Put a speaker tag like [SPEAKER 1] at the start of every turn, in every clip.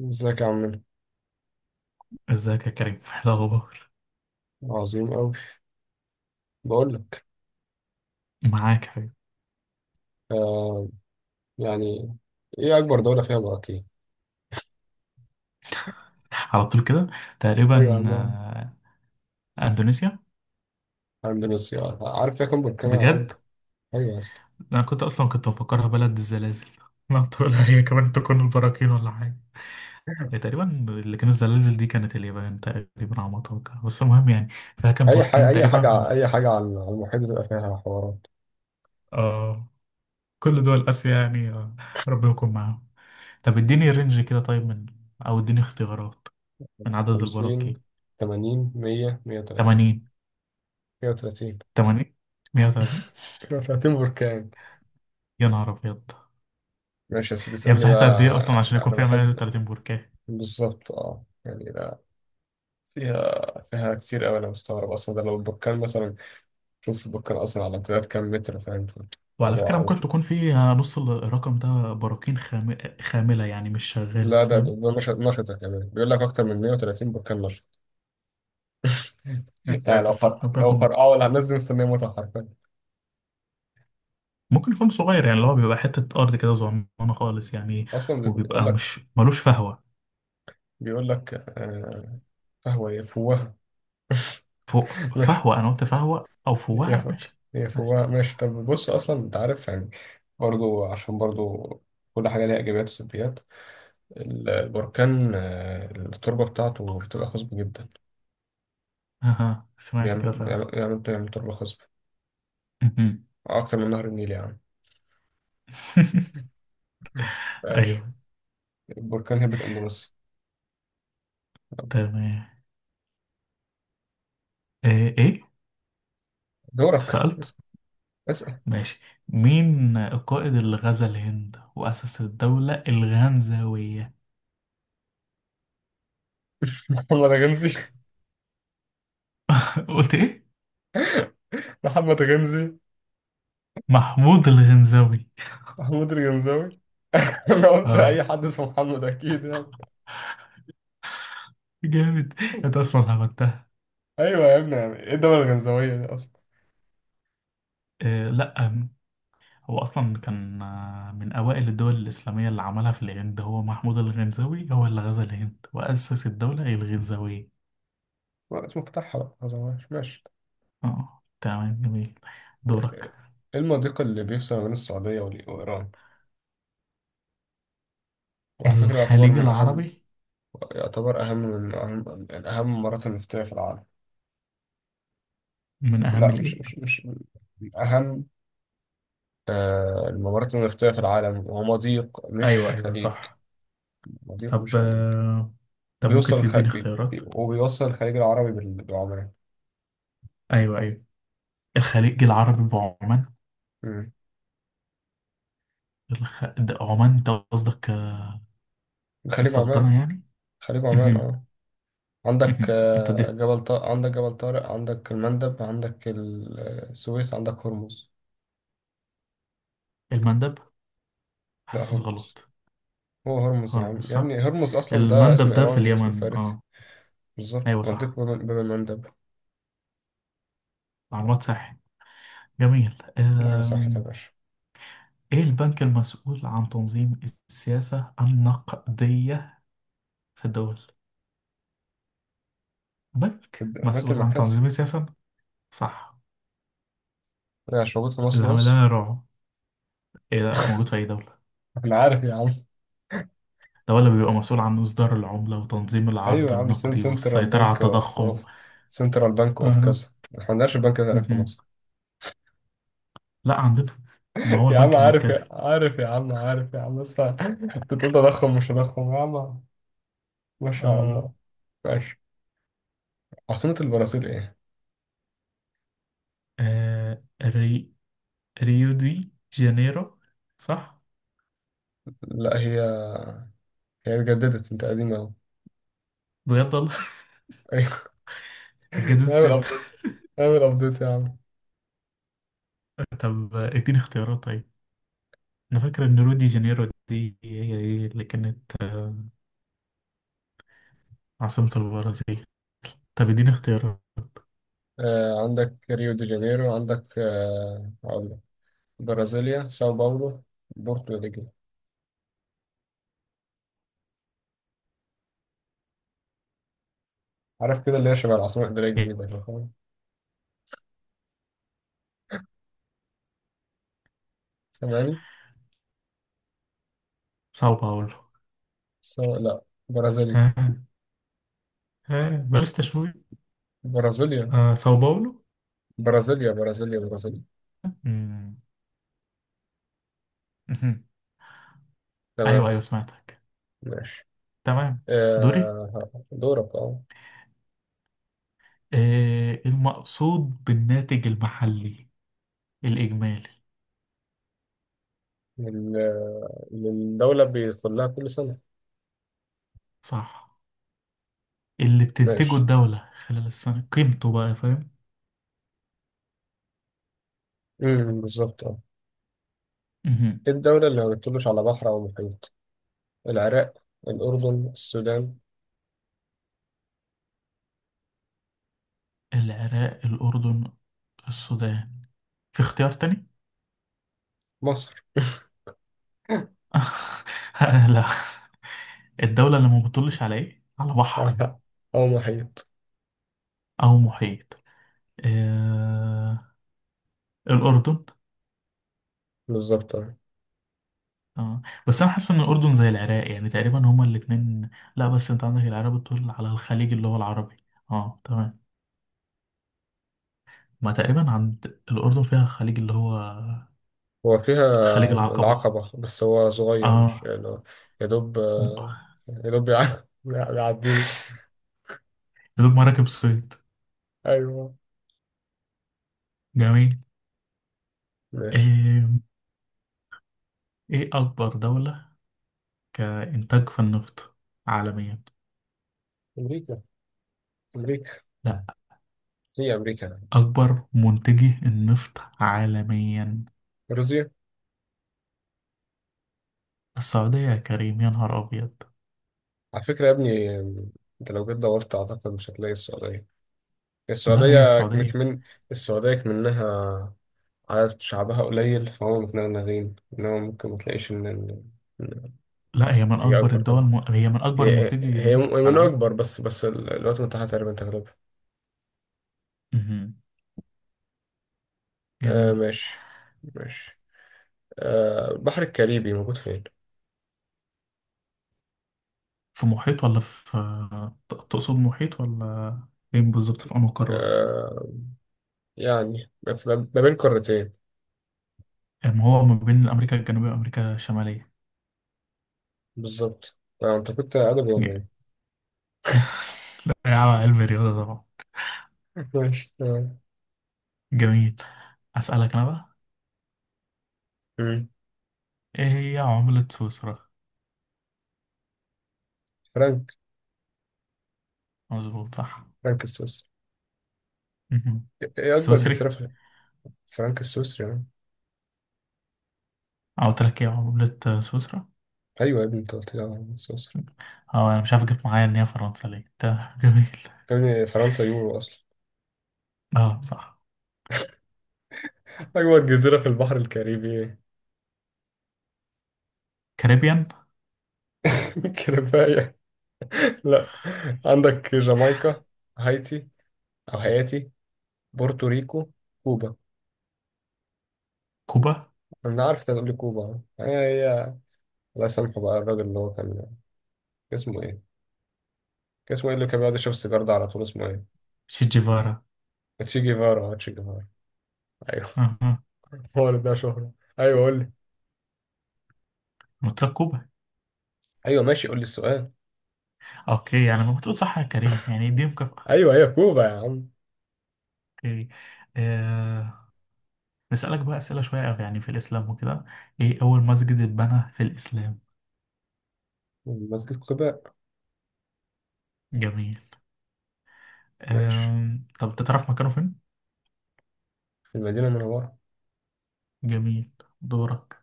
[SPEAKER 1] ازيك يا عمنا.
[SPEAKER 2] ازيك يا كريم إيه الاخبار؟
[SPEAKER 1] عظيم أوي. بقول لك،
[SPEAKER 2] معاك يا حبيبي
[SPEAKER 1] آه يعني، إيه أكبر دولة فيها براكين؟
[SPEAKER 2] على طول كده.
[SPEAKER 1] أيوة يا
[SPEAKER 2] تقريبا
[SPEAKER 1] عم،
[SPEAKER 2] اندونيسيا.
[SPEAKER 1] أندونيسيا. عارف فيها كام بركان يا عمرو؟
[SPEAKER 2] بجد.
[SPEAKER 1] أيوة يا اسطى.
[SPEAKER 2] انا كنت اصلا مفكرها بلد الزلازل ما تقول هي كمان تكون البراكين ولا حاجه. هي تقريبا اللي كان الزلازل دي كانت اليابان تقريبا على ما اتوقع، بس المهم يعني فيها كان
[SPEAKER 1] أي حاجة
[SPEAKER 2] بركان
[SPEAKER 1] أي
[SPEAKER 2] تقريبا.
[SPEAKER 1] حاجة أي حاجة على المحيط بتبقى فيها حوارات.
[SPEAKER 2] آه. كل دول اسيا يعني آه. ربنا يكون معاهم. طب اديني رينج كده، طيب من، او اديني اختيارات من عدد البراكين.
[SPEAKER 1] 50، 80، 100، 130
[SPEAKER 2] 80.
[SPEAKER 1] 130
[SPEAKER 2] 80. 130.
[SPEAKER 1] 130 بركان.
[SPEAKER 2] يا نهار ابيض.
[SPEAKER 1] ماشي يا سيدي،
[SPEAKER 2] هي
[SPEAKER 1] اسألني
[SPEAKER 2] مساحتها قد ايه اصلا
[SPEAKER 1] بقى.
[SPEAKER 2] عشان
[SPEAKER 1] لا،
[SPEAKER 2] يكون
[SPEAKER 1] أنا
[SPEAKER 2] فيها
[SPEAKER 1] بحب
[SPEAKER 2] 130 بركة؟
[SPEAKER 1] بالظبط. أه يعني لا، فيها فيها كتير أوي. أنا مستغرب أصلا، ده لو البركان مثلا شوف بكر أصلا على امتداد كام متر، فاهم في
[SPEAKER 2] وعلى
[SPEAKER 1] الموضوع
[SPEAKER 2] فكرة
[SPEAKER 1] أو
[SPEAKER 2] ممكن تكون فيها نص الرقم ده براكين خاملة يعني مش شغالة
[SPEAKER 1] لا؟ ده
[SPEAKER 2] فاهم.
[SPEAKER 1] نشط، نشطة كمان، بيقول لك أكتر من 130 بركان نشط.
[SPEAKER 2] يا
[SPEAKER 1] يعني لو
[SPEAKER 2] ساتر
[SPEAKER 1] فرق،
[SPEAKER 2] ربنا
[SPEAKER 1] لو
[SPEAKER 2] يكون معاك.
[SPEAKER 1] فرقعوا ولا هننزل مستنية متعة حرفيا.
[SPEAKER 2] ممكن يكون صغير يعني اللي هو بيبقى حتة أرض كده صغننة خالص يعني.
[SPEAKER 1] أصلا بيقول
[SPEAKER 2] وبيبقى
[SPEAKER 1] لك،
[SPEAKER 2] مش ملوش فهوة.
[SPEAKER 1] بيقول لك آه، فهو يفوه.
[SPEAKER 2] فوق.
[SPEAKER 1] ماشي
[SPEAKER 2] فهوة أنا قلت فهوة أو فوهة
[SPEAKER 1] يفك
[SPEAKER 2] ماشي. ماشي.
[SPEAKER 1] يفوه. ماشي، طب بص أصلا أنت عارف يعني، برضو عشان برضو كل حاجة ليها إيجابيات وسلبيات. البركان، التربة بتاعته بتبقى خصبة جدا.
[SPEAKER 2] أها سمعت كده فعلا.
[SPEAKER 1] بيعمل تربة خصبة أكتر من نهر النيل يعني. مم. ماشي.
[SPEAKER 2] أيوه.
[SPEAKER 1] البركان هبت أندونيسيا.
[SPEAKER 2] تمام. إيه إيه؟
[SPEAKER 1] دورك،
[SPEAKER 2] اتسألت.
[SPEAKER 1] اسأل. اسأل.
[SPEAKER 2] ماشي. مين القائد اللي غزا الهند وأسس الدولة الغنزاوية؟
[SPEAKER 1] محمد غنزي.
[SPEAKER 2] قلت إيه؟
[SPEAKER 1] محمد غنزي.
[SPEAKER 2] محمود الغنزاوي.
[SPEAKER 1] محمود الغنزاوي. أنا قلت
[SPEAKER 2] اه،
[SPEAKER 1] أي حد اسمه محمد أكيد يعني.
[SPEAKER 2] جامد. انت اصلا عملتها.
[SPEAKER 1] أيوة يا ابني، يعني إيه الدولة الغنزاوية دي أصلا؟
[SPEAKER 2] آه لا. هو اصلا كان من اوائل الدول الاسلاميه اللي عملها في الهند، هو محمود الغنزاوي، هو اللي غزا الهند واسس الدوله الغنزاويه.
[SPEAKER 1] ما اسمه فتحها بقى، ما ظهرهاش. ماشي.
[SPEAKER 2] اه تمام جميل. دورك.
[SPEAKER 1] إيه المضيق اللي بيفصل ما بين السعودية وإيران؟ وعلى فكرة يعتبر
[SPEAKER 2] الخليج
[SPEAKER 1] من أهم،
[SPEAKER 2] العربي.
[SPEAKER 1] يعتبر أهم من أهم الممرات النفطية في العالم.
[SPEAKER 2] من اهم
[SPEAKER 1] لا،
[SPEAKER 2] الايه؟
[SPEAKER 1] مش من أهم، الممرات النفطية في العالم، وهو مضيق
[SPEAKER 2] ايوه
[SPEAKER 1] مش
[SPEAKER 2] ايوه
[SPEAKER 1] خليج.
[SPEAKER 2] صح.
[SPEAKER 1] مضيق مش
[SPEAKER 2] طب
[SPEAKER 1] خليج
[SPEAKER 2] طب ممكن
[SPEAKER 1] بيوصل الخ...
[SPEAKER 2] تديني
[SPEAKER 1] بي...
[SPEAKER 2] اختيارات.
[SPEAKER 1] بي- وبيوصل الخليج العربي بعمان.
[SPEAKER 2] ايوه ايوه. الخليج العربي وعمان.
[SPEAKER 1] مم.
[SPEAKER 2] ده عمان انت قصدك
[SPEAKER 1] خليج
[SPEAKER 2] السلطنة
[SPEAKER 1] عمان.
[SPEAKER 2] يعني. مهم.
[SPEAKER 1] اه. عندك
[SPEAKER 2] مهم، انت ده
[SPEAKER 1] جبل طارق، عندك المندب، عندك السويس، عندك هرمز.
[SPEAKER 2] المندب،
[SPEAKER 1] لا،
[SPEAKER 2] حاسس
[SPEAKER 1] هرمز.
[SPEAKER 2] غلط.
[SPEAKER 1] هو هرمز يا عم
[SPEAKER 2] هرمز
[SPEAKER 1] يا ابني،
[SPEAKER 2] صح.
[SPEAKER 1] هرمز اصلا ده
[SPEAKER 2] المندب
[SPEAKER 1] اسم
[SPEAKER 2] ده في
[SPEAKER 1] ايراني، اسم
[SPEAKER 2] اليمن
[SPEAKER 1] فارسي.
[SPEAKER 2] اه.
[SPEAKER 1] بالظبط،
[SPEAKER 2] ايوه
[SPEAKER 1] مضيق
[SPEAKER 2] صح.
[SPEAKER 1] باب المندب.
[SPEAKER 2] معلومات صح. جميل
[SPEAKER 1] كل حاجه صح يا باشا.
[SPEAKER 2] ايه البنك المسؤول عن تنظيم السياسة النقدية في الدول؟ بنك
[SPEAKER 1] البنك
[SPEAKER 2] مسؤول عن
[SPEAKER 1] المركزي.
[SPEAKER 2] تنظيم السياسة. صح.
[SPEAKER 1] ده مش موجود في مصر
[SPEAKER 2] اللي عامل
[SPEAKER 1] بس.
[SPEAKER 2] لنا رعب. ايه ده موجود في اي دولة؟
[SPEAKER 1] انا عارف يا عم.
[SPEAKER 2] الدولة بيبقى مسؤول عن إصدار العملة وتنظيم
[SPEAKER 1] ايوه
[SPEAKER 2] العرض
[SPEAKER 1] يا عم، سن
[SPEAKER 2] النقدي
[SPEAKER 1] سنترال
[SPEAKER 2] والسيطرة على
[SPEAKER 1] بنك اوف
[SPEAKER 2] التضخم.
[SPEAKER 1] اوف سنترال بنك اوف
[SPEAKER 2] أها.
[SPEAKER 1] كذا، ما عندناش البنك ده هناك في
[SPEAKER 2] مهم.
[SPEAKER 1] مصر.
[SPEAKER 2] لا عندنا. ما هو
[SPEAKER 1] يا عم
[SPEAKER 2] البنك
[SPEAKER 1] عارف،
[SPEAKER 2] المركزي.
[SPEAKER 1] يا عارف يا عم عارف يا عم، بس انت بتقول تضخم مش تضخم يا عم. ما شاء
[SPEAKER 2] آه.
[SPEAKER 1] الله. ماشي. عاصمة البرازيل ايه؟
[SPEAKER 2] آه ري... ريو دي جانيرو، صح؟
[SPEAKER 1] لا، هي هي اتجددت، انت قديمة اهو.
[SPEAKER 2] بجد والله.
[SPEAKER 1] ايوه.
[SPEAKER 2] اتجددت
[SPEAKER 1] نعمل
[SPEAKER 2] امتى؟
[SPEAKER 1] ابديت نعمل ابديت يا عم.
[SPEAKER 2] طب اديني اختيارات طيب. انا فاكر ان ريو دي جانيرو دي هي هي اللي كانت عاصمة البرازيل. طب اديني اختيارات.
[SPEAKER 1] آه عندك ريو دي جانيرو، عندك آه هقول لك، برازيليا، ساو باولو، بورتو ريجو. عارف كده اللي هي شبه العاصمة الإدارية الجديدة كده، فاهم؟ سامعني؟
[SPEAKER 2] ساو باولو.
[SPEAKER 1] سو لا، برازيلي،
[SPEAKER 2] ها. ها بلاش تشويق.
[SPEAKER 1] برازيليا
[SPEAKER 2] آه ساو باولو.
[SPEAKER 1] برازيليا برازيليا برازيليا.
[SPEAKER 2] مم. ايوه
[SPEAKER 1] تمام.
[SPEAKER 2] ايوه سمعتك.
[SPEAKER 1] ماشي.
[SPEAKER 2] تمام. دوري.
[SPEAKER 1] آه دورك اه.
[SPEAKER 2] آه المقصود بالناتج المحلي الاجمالي.
[SPEAKER 1] للدولة بيدخل لها كل سنة.
[SPEAKER 2] صح. اللي بتنتجه
[SPEAKER 1] ماشي.
[SPEAKER 2] الدولة خلال السنة قيمته بقى فاهم.
[SPEAKER 1] بالظبط اه.
[SPEAKER 2] مهم.
[SPEAKER 1] ايه الدولة اللي ما بتطلش على بحر أو محيط؟ العراق، الأردن، السودان،
[SPEAKER 2] العراق، الاردن، السودان. في اختيار تاني؟
[SPEAKER 1] مصر.
[SPEAKER 2] لا. الدولة اللي ما بتطلش على ايه، على بحر
[SPEAKER 1] آه، أو محيط.
[SPEAKER 2] او محيط. آه الاردن.
[SPEAKER 1] بالظبط اه.
[SPEAKER 2] اه. بس انا حاسس ان الاردن زي العراق يعني تقريبا هما الاتنين. لا بس انت عندك العراق بتطل على الخليج اللي هو العربي. اه تمام. ما تقريبا عند الاردن فيها خليج اللي هو
[SPEAKER 1] هو فيها
[SPEAKER 2] خليج العقبة.
[SPEAKER 1] العقبة بس هو صغير، مش
[SPEAKER 2] اه.
[SPEAKER 1] يعني هو، يا دوب
[SPEAKER 2] يا
[SPEAKER 1] يا دوب يع- بيعديني.
[SPEAKER 2] دوب مراكب صيد.
[SPEAKER 1] أيوه.
[SPEAKER 2] جميل.
[SPEAKER 1] ماشي.
[SPEAKER 2] ايه, ايه اكبر دولة كانتاج في النفط عالميا؟
[SPEAKER 1] امريكا امريكا.
[SPEAKER 2] لا.
[SPEAKER 1] هي امريكا
[SPEAKER 2] اكبر منتجي النفط عالميا؟
[SPEAKER 1] روسيا.
[SPEAKER 2] السعودية يا كريم يا نهار ابيض.
[SPEAKER 1] على فكره يا ابني، انت لو جيت دورت اعتقد مش هتلاقي السعوديه.
[SPEAKER 2] لا هي
[SPEAKER 1] السعوديه
[SPEAKER 2] السعودية.
[SPEAKER 1] كمان السعوديه كمنها عدد شعبها قليل، فهم متنغنغين، انما ممكن ما تلاقيش ان، إن-
[SPEAKER 2] لا هي
[SPEAKER 1] إن
[SPEAKER 2] من
[SPEAKER 1] هي
[SPEAKER 2] أكبر
[SPEAKER 1] اكبر
[SPEAKER 2] الدول
[SPEAKER 1] طبعا.
[SPEAKER 2] هي من أكبر
[SPEAKER 1] هي
[SPEAKER 2] منتجي
[SPEAKER 1] هي
[SPEAKER 2] النفط
[SPEAKER 1] من
[SPEAKER 2] عالميا.
[SPEAKER 1] اكبر، بس الولايات المتحده تقريبا تغلبها.
[SPEAKER 2] مهم.
[SPEAKER 1] آه
[SPEAKER 2] جميل.
[SPEAKER 1] ماشي. ماشي. آه البحر الكاريبي موجود فين؟
[SPEAKER 2] في محيط ولا في، تقصد محيط ولا فين بالظبط، في أنهي قارة؟
[SPEAKER 1] آه يعني ما بين قارتين.
[SPEAKER 2] يعني هو ما بين أمريكا الجنوبية وأمريكا الشمالية.
[SPEAKER 1] بالظبط. آه، انت كنت ادبي ولا
[SPEAKER 2] ج...
[SPEAKER 1] ايه؟
[SPEAKER 2] لا يا عم علم الرياضة طبعا.
[SPEAKER 1] ماشي تمام.
[SPEAKER 2] جميل. أسألك أنا بقى،
[SPEAKER 1] مم.
[SPEAKER 2] إيه هي عملة سويسرا؟
[SPEAKER 1] فرانك
[SPEAKER 2] مظبوط صح.
[SPEAKER 1] فرانك السويسري.
[SPEAKER 2] مهم.
[SPEAKER 1] ايه اكبر جزيرة
[SPEAKER 2] السويسري؟
[SPEAKER 1] في. فرانك السويسري يعني.
[SPEAKER 2] قلت لك إيه عملة سويسرا؟
[SPEAKER 1] ايوه يا ابني انت قلت لي على فرانك السويسري.
[SPEAKER 2] أه أنا مش عارف جبت معايا إن هي فرنسا ليه، تمام جميل.
[SPEAKER 1] يا ابني فرنسا يورو اصلا.
[SPEAKER 2] أه صح.
[SPEAKER 1] اكبر جزيرة في البحر الكاريبي.
[SPEAKER 2] كاريبيان.
[SPEAKER 1] كفاية. لا، عندك جامايكا، هايتي او هايتي، بورتوريكو، كوبا.
[SPEAKER 2] كوبا.
[SPEAKER 1] انا عارف انت هتقول لي كوبا. هي هي الله يسامحه بقى الراجل اللي هو كان، اسمه ايه، كان اسمه ايه اللي كان بيقعد يشرب السيجار ده على طول، اسمه ايه؟
[SPEAKER 2] شيت.
[SPEAKER 1] تشي جيفارا. تشي جيفارا. ايوه.
[SPEAKER 2] أها.
[SPEAKER 1] هو اللي ده شهرة. ايوه قول لي.
[SPEAKER 2] مترقبة.
[SPEAKER 1] ايوه ماشي، قول لي السؤال.
[SPEAKER 2] اوكي يعني ما بتقول صح يا كريم يعني دي مكافأة.
[SPEAKER 1] ايوه هي كوبا يا عم.
[SPEAKER 2] اوكي. آه. نسألك بقى أسئلة شوية يعني في الإسلام وكده. ايه أول مسجد اتبنى في الإسلام؟
[SPEAKER 1] مسجد قباء.
[SPEAKER 2] جميل.
[SPEAKER 1] ماشي.
[SPEAKER 2] آه. طب أنت تعرف مكانه فين.
[SPEAKER 1] في المدينة المنورة.
[SPEAKER 2] جميل. دورك.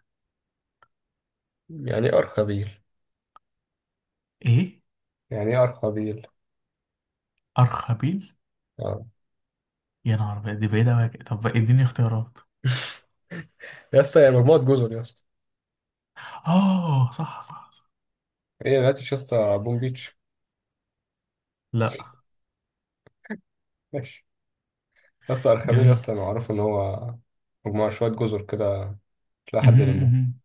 [SPEAKER 1] يعني ايه أرخبيل؟
[SPEAKER 2] ايه
[SPEAKER 1] يعني ايه أرخبيل؟
[SPEAKER 2] أرخبيل؟
[SPEAKER 1] اه.
[SPEAKER 2] يا نهار أبيض، دي بعيدة أوي. طب بقى اديني اختيارات.
[SPEAKER 1] يا اسطى هي مجموعة جزر يا اسطى.
[SPEAKER 2] اه صح صح صح.
[SPEAKER 1] ايه ما لقيتش يا اسطى بوم بيتش.
[SPEAKER 2] لا.
[SPEAKER 1] ماشي يا اسطى. أرخبيل يا
[SPEAKER 2] جميل.
[SPEAKER 1] اسطى، أنا معروف إن هو مجموعة شوية جزر كده، مش لاقي حد
[SPEAKER 2] مهم،
[SPEAKER 1] يلمهم.
[SPEAKER 2] مهم.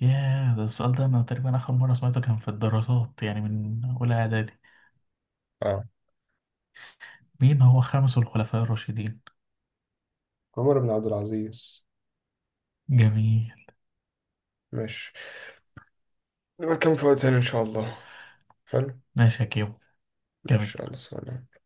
[SPEAKER 2] ياه، ده السؤال ده أنا تقريبا آخر مرة سمعته كان في الدراسات يعني من أولى إعدادي.
[SPEAKER 1] اه.
[SPEAKER 2] مين هو خامس الخلفاء الراشدين؟
[SPEAKER 1] عمر بن عبد العزيز.
[SPEAKER 2] جميل.
[SPEAKER 1] ماشي. نبقى نكمل في وقت تاني إن شاء الله. حلو.
[SPEAKER 2] ماشي يا كيمو.
[SPEAKER 1] ماشي
[SPEAKER 2] جميل.
[SPEAKER 1] يلا سلام.